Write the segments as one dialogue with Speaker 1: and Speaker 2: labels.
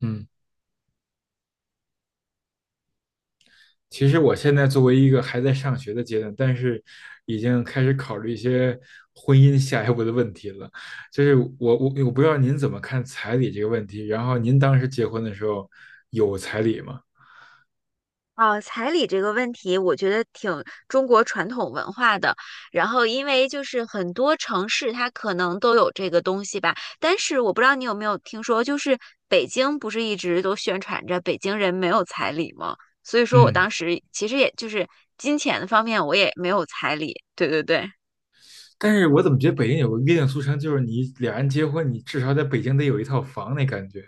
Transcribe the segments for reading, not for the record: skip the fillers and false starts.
Speaker 1: 嗯，其实我现在作为一个还在上学的阶段，但是已经开始考虑一些婚姻下一步的问题了。就是我不知道您怎么看彩礼这个问题，然后您当时结婚的时候有彩礼吗？
Speaker 2: 哦，彩礼这个问题，我觉得挺中国传统文化的。然后，因为就是很多城市它可能都有这个东西吧，但是我不知道你有没有听说，就是北京不是一直都宣传着北京人没有彩礼吗？所以说我
Speaker 1: 嗯，
Speaker 2: 当时其实也就是金钱方面我也没有彩礼。对对对。
Speaker 1: 但是我怎么觉得北京有个约定俗成，就是你俩人结婚，你至少在北京得有一套房那感觉。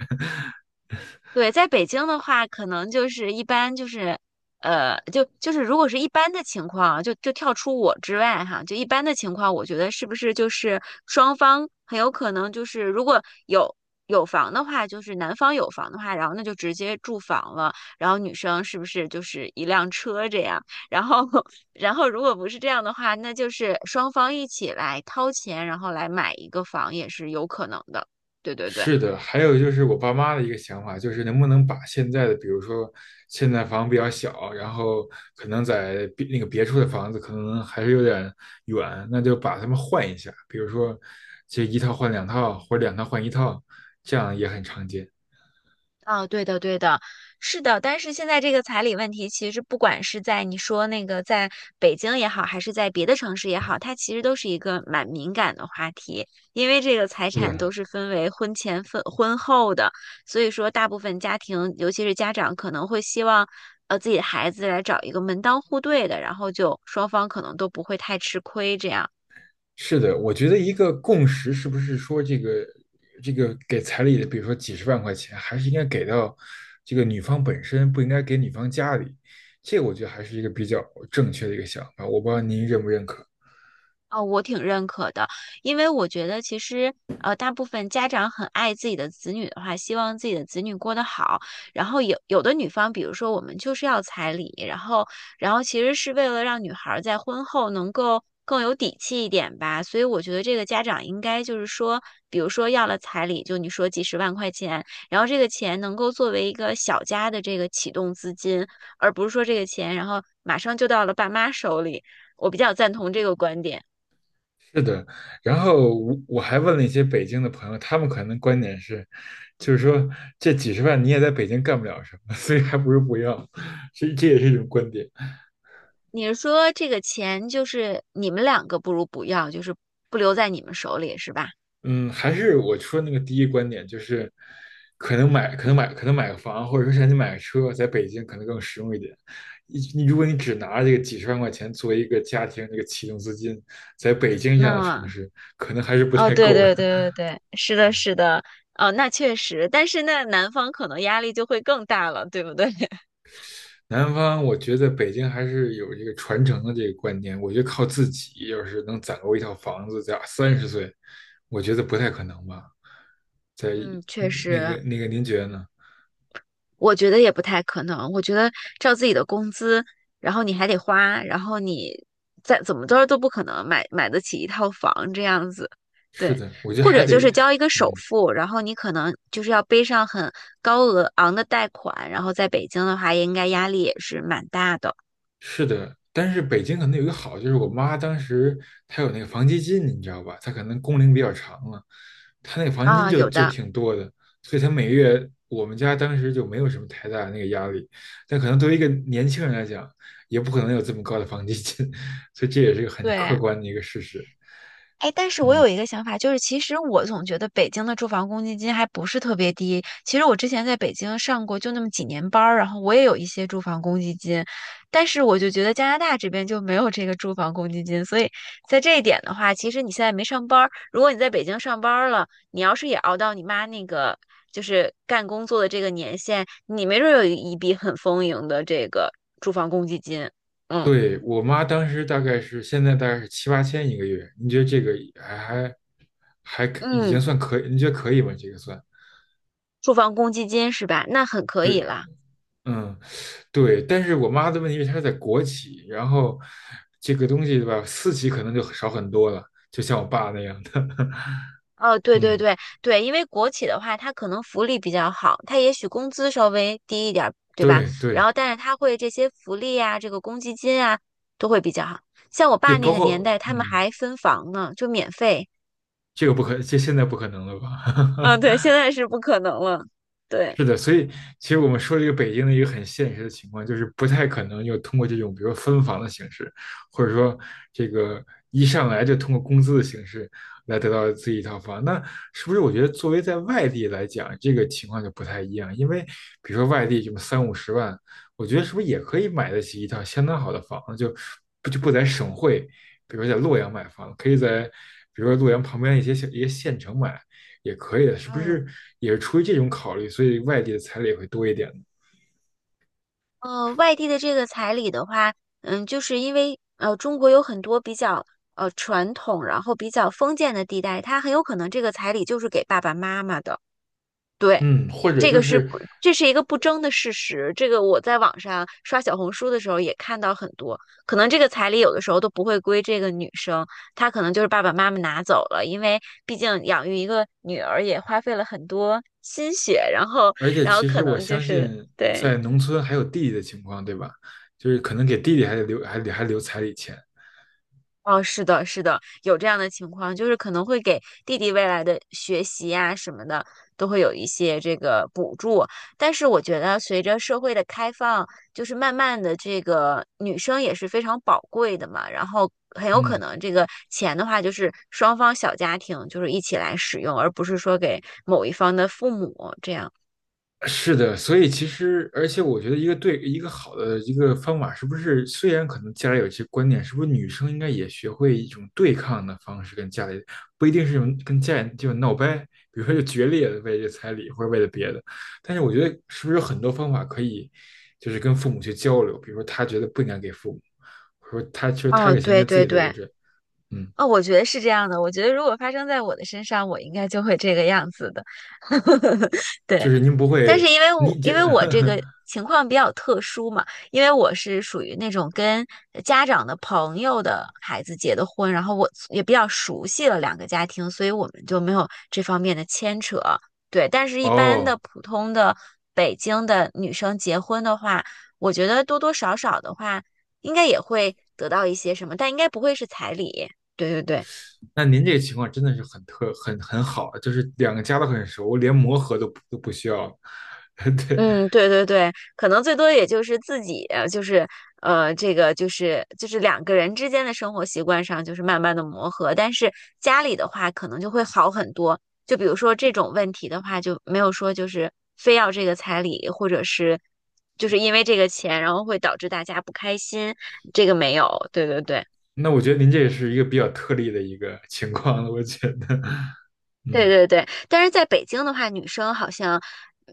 Speaker 2: 对，在北京的话，可能就是一般就是，就是如果是一般的情况啊，就跳出我之外哈，就一般的情况，我觉得是不是就是双方很有可能就是如果有有房的话，就是男方有房的话，然后那就直接住房了，然后女生是不是就是一辆车这样？然后 然后如果不是这样的话，那就是双方一起来掏钱，然后来买一个房也是有可能的。对对对。
Speaker 1: 是的，还有就是我爸妈的一个想法，就是能不能把现在的，比如说现在房比较小，然后可能在别那个别处的房子可能还是有点远，那就把它们换一下，比如说这一套换两套，或者两套换一套，这样也很常见。
Speaker 2: 啊，对的，对的，是的。但是现在这个彩礼问题，其实不管是在你说那个在北京也好，还是在别的城市也好，它其实都是一个蛮敏感的话题，因为这个财
Speaker 1: 是
Speaker 2: 产都
Speaker 1: 的，
Speaker 2: 是分为婚前分婚后的，所以说大部分家庭，尤其是家长，可能会希望自己的孩子来找一个门当户对的，然后就双方可能都不会太吃亏这样。
Speaker 1: 是的，我觉得一个共识是不是说这个给彩礼的，比如说几十万块钱，还是应该给到这个女方本身，不应该给女方家里。这个我觉得还是一个比较正确的一个想法，我不知道您认不认可。
Speaker 2: 哦，我挺认可的，因为我觉得其实大部分家长很爱自己的子女的话，希望自己的子女过得好。然后有的女方，比如说我们就是要彩礼，然后其实是为了让女孩儿在婚后能够更有底气一点吧。所以我觉得这个家长应该就是说，比如说要了彩礼，就你说几十万块钱，然后这个钱能够作为一个小家的这个启动资金，而不是说这个钱然后马上就到了爸妈手里。我比较赞同这个观点。
Speaker 1: 是的，然后我还问了一些北京的朋友，他们可能观点是，就是说这几十万你也在北京干不了什么，所以还不如不要，这也是一种观点。
Speaker 2: 你是说这个钱就是你们两个不如不要，就是不留在你们手里是吧？
Speaker 1: 嗯，还是我说那个第一观点，就是可能买个房，或者说想你买个车，在北京可能更实用一点。如果你只拿这个几十万块钱作为一个家庭这个启动资金，在北京这样的城
Speaker 2: 那
Speaker 1: 市，可能还是不
Speaker 2: 哦，
Speaker 1: 太
Speaker 2: 对
Speaker 1: 够的。
Speaker 2: 对对对 对，是的，是的，哦，那确实，但是那男方可能压力就会更大了，对不对？
Speaker 1: 南方，我觉得北京还是有这个传承的这个观念，我觉得靠自己要是能攒够一套房子，在30岁，我觉得不太可能吧。在
Speaker 2: 嗯，确
Speaker 1: 嗯那
Speaker 2: 实，
Speaker 1: 个那个，您觉得呢？
Speaker 2: 我觉得也不太可能。我觉得照自己的工资，然后你还得花，然后你再怎么着都不可能买得起一套房这样子。
Speaker 1: 是
Speaker 2: 对，
Speaker 1: 的，我觉得
Speaker 2: 或
Speaker 1: 还
Speaker 2: 者就
Speaker 1: 得，
Speaker 2: 是交一个首
Speaker 1: 嗯，
Speaker 2: 付，然后你可能就是要背上很高额昂的贷款，然后在北京的话，应该压力也是蛮大的
Speaker 1: 是的，但是北京可能有一个好，就是我妈当时她有那个房基金，你知道吧？她可能工龄比较长了，她那个房基金
Speaker 2: 啊，
Speaker 1: 就
Speaker 2: 有
Speaker 1: 就
Speaker 2: 的。
Speaker 1: 挺多的，所以她每月我们家当时就没有什么太大的那个压力。但可能对于一个年轻人来讲，也不可能有这么高的房基金，所以这也是个很
Speaker 2: 对，
Speaker 1: 客观的一个事实。
Speaker 2: 哎，但是我有一个想法，就是其实我总觉得北京的住房公积金还不是特别低。其实我之前在北京上过就那么几年班儿，然后我也有一些住房公积金，但是我就觉得加拿大这边就没有这个住房公积金，所以在这一点的话，其实你现在没上班儿，如果你在北京上班儿了，你要是也熬到你妈那个就是干工作的这个年限，你没准儿有一笔很丰盈的这个住房公积金。嗯
Speaker 1: 对，我妈当时大概是现在大概是七八千一个月，你觉得这个还还还已经
Speaker 2: 嗯，
Speaker 1: 算可以？你觉得可以吗？这个算
Speaker 2: 住房公积金是吧？那很可以
Speaker 1: 对，
Speaker 2: 了。
Speaker 1: 嗯。对，但是我妈的问题是她在国企，然后这个东西对吧，私企可能就少很多了，就像我爸那样的。
Speaker 2: 哦，对对
Speaker 1: 嗯，
Speaker 2: 对对，因为国企的话，它可能福利比较好，它也许工资稍微低一点儿，对吧？
Speaker 1: 对
Speaker 2: 然
Speaker 1: 对
Speaker 2: 后，但是它会这些福利啊，这个公积金啊，都会比较好。像我
Speaker 1: 对，
Speaker 2: 爸那
Speaker 1: 包
Speaker 2: 个年
Speaker 1: 括
Speaker 2: 代，他们还分房呢，就免费。
Speaker 1: 这个不可，这现在不可能了吧？
Speaker 2: 嗯，对，现在是不可能了。对，
Speaker 1: 是的，所以其实我们说这个北京的一个很现实的情况，就是不太可能又通过这种，比如说分房的形式，或者说这个一上来就通过工资的形式来得到自己一套房。那是不是我觉得作为在外地来讲，这个情况就不太一样？因为比如说外地这么三五十万，我觉得是不是也可以买得起一套相当好的房子？就不就不在省会，比如说在洛阳买房，可以在比如说洛阳旁边一些小一些县城买，也可以的，是不
Speaker 2: 嗯，
Speaker 1: 是？也是出于这种考虑，所以外地的彩礼也会多一点。
Speaker 2: 外地的这个彩礼的话，嗯，就是因为中国有很多比较传统，然后比较封建的地带，它很有可能这个彩礼就是给爸爸妈妈的。对，
Speaker 1: 嗯，或者
Speaker 2: 这
Speaker 1: 就
Speaker 2: 个是
Speaker 1: 是，
Speaker 2: 不，这是一个不争的事实。这个我在网上刷小红书的时候也看到很多，可能这个彩礼有的时候都不会归这个女生，她可能就是爸爸妈妈拿走了，因为毕竟养育一个女儿也花费了很多心血，然后，
Speaker 1: 而且
Speaker 2: 然后
Speaker 1: 其
Speaker 2: 可
Speaker 1: 实我
Speaker 2: 能就
Speaker 1: 相
Speaker 2: 是
Speaker 1: 信，
Speaker 2: 对。
Speaker 1: 在农村还有弟弟的情况，对吧？就是可能给弟弟还得留，还得还留彩礼钱。
Speaker 2: 哦，是的，是的，有这样的情况，就是可能会给弟弟未来的学习呀、什么的，都会有一些这个补助。但是我觉得，随着社会的开放，就是慢慢的，这个女生也是非常宝贵的嘛。然后很有可
Speaker 1: 嗯，
Speaker 2: 能这个钱的话，就是双方小家庭就是一起来使用，而不是说给某一方的父母这样。
Speaker 1: 是的，所以其实，而且我觉得一个对一个好的一个方法，是不是虽然可能家里有一些观念，是不是女生应该也学会一种对抗的方式跟家里，不一定是用跟家里就闹掰，比如说就决裂的为这彩礼或者为了别的，但是我觉得是不是有很多方法可以，就是跟父母去交流，比如说他觉得不应该给父母，或者说他其实他
Speaker 2: 哦，
Speaker 1: 这个钱应
Speaker 2: 对
Speaker 1: 该自
Speaker 2: 对
Speaker 1: 己留
Speaker 2: 对，
Speaker 1: 着，嗯，
Speaker 2: 哦，我觉得是这样的。我觉得如果发生在我的身上，我应该就会这个样子的。
Speaker 1: 就
Speaker 2: 对，
Speaker 1: 是您不
Speaker 2: 但
Speaker 1: 会，
Speaker 2: 是因为我
Speaker 1: 你这
Speaker 2: 因为我这 个情况比较特殊嘛，因为我是属于那种跟家长的朋友的孩子结的婚，然后我也比较熟悉了两个家庭，所以我们就没有这方面的牵扯。对，但是一般的
Speaker 1: 哦。
Speaker 2: 普通的北京的女生结婚的话，我觉得多多少少的话，应该也会得到一些什么，但应该不会是彩礼。对对对，
Speaker 1: 那您这个情况真的是很特很很好，就是两个家都很熟，连磨合都不需要对，
Speaker 2: 嗯，对对对，可能最多也就是自己，就是这个就是两个人之间的生活习惯上，就是慢慢的磨合，但是家里的话，可能就会好很多。就比如说这种问题的话，就没有说就是非要这个彩礼，或者是就是因为这个钱，然后会导致大家不开心，这个没有。对对对，
Speaker 1: 那我觉得您这也是一个比较特例的一个情况了，我觉得，
Speaker 2: 对
Speaker 1: 嗯。
Speaker 2: 对对。但是在北京的话，女生好像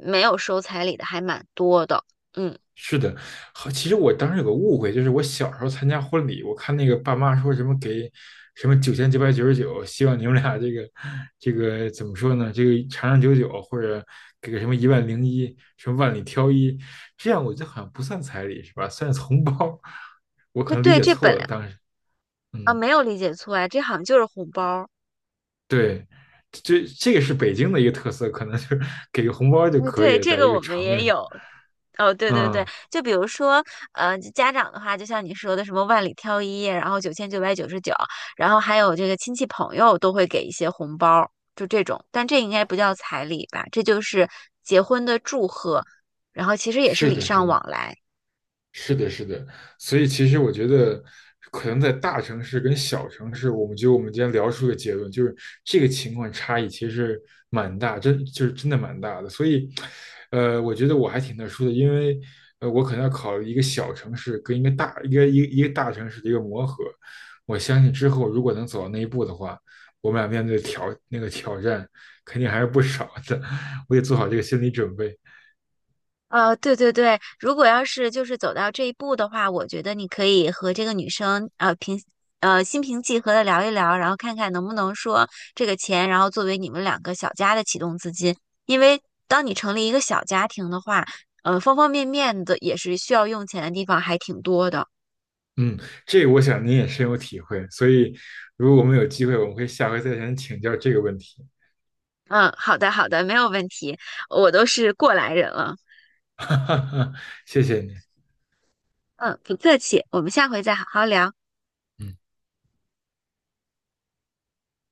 Speaker 2: 没有收彩礼的还蛮多的，嗯。
Speaker 1: 是的，好，其实我当时有个误会，就是我小时候参加婚礼，我看那个爸妈说什么给什么9999，希望你们俩这个怎么说呢？这个长长久久，或者给个什么10001，什么万里挑一，这样我觉得好像不算彩礼是吧？算是红包，我可
Speaker 2: 那
Speaker 1: 能理
Speaker 2: 对，
Speaker 1: 解
Speaker 2: 这本
Speaker 1: 错了，
Speaker 2: 来。
Speaker 1: 当时，
Speaker 2: 啊，
Speaker 1: 嗯，
Speaker 2: 没有理解错呀，这好像就是红包儿。
Speaker 1: 对，这个是北京的一个特色，可能就是给个红包就
Speaker 2: 哦，
Speaker 1: 可以
Speaker 2: 对，
Speaker 1: 了
Speaker 2: 这
Speaker 1: 在这
Speaker 2: 个我
Speaker 1: 个
Speaker 2: 们
Speaker 1: 场面
Speaker 2: 也
Speaker 1: 上，
Speaker 2: 有。哦，对对对，
Speaker 1: 嗯，
Speaker 2: 就比如说，家长的话，就像你说的什么万里挑一，然后9999，然后还有这个亲戚朋友都会给一些红包儿，就这种。但这应该不叫彩礼吧？这就是结婚的祝贺，然后其实也是
Speaker 1: 是
Speaker 2: 礼
Speaker 1: 的，是
Speaker 2: 尚
Speaker 1: 的。
Speaker 2: 往来。
Speaker 1: 是的，是的，所以其实我觉得，可能在大城市跟小城市，我们觉得我们今天聊出的个结论，就是这个情况差异其实是蛮大，真就是真的蛮大的。所以，我觉得我还挺特殊的，因为我可能要考虑一个小城市跟一个大城市的一个磨合。我相信之后如果能走到那一步的话，我们俩面对挑那个挑战肯定还是不少的，我得做好这个心理准备。
Speaker 2: 对对对，如果要是就是走到这一步的话，我觉得你可以和这个女生呃平呃心平气和的聊一聊，然后看看能不能说这个钱，然后作为你们两个小家的启动资金。因为当你成立一个小家庭的话，方方面面的也是需要用钱的地方还挺多的。
Speaker 1: 嗯，这个我想您也深有体会，所以如果我们有机会，我们会下回再向您请教这个问题。
Speaker 2: 嗯，好的好的，没有问题，我都是过来人了。
Speaker 1: 哈哈哈，谢谢您。
Speaker 2: 嗯，不客气，我们下回再好好聊。
Speaker 1: 嗯。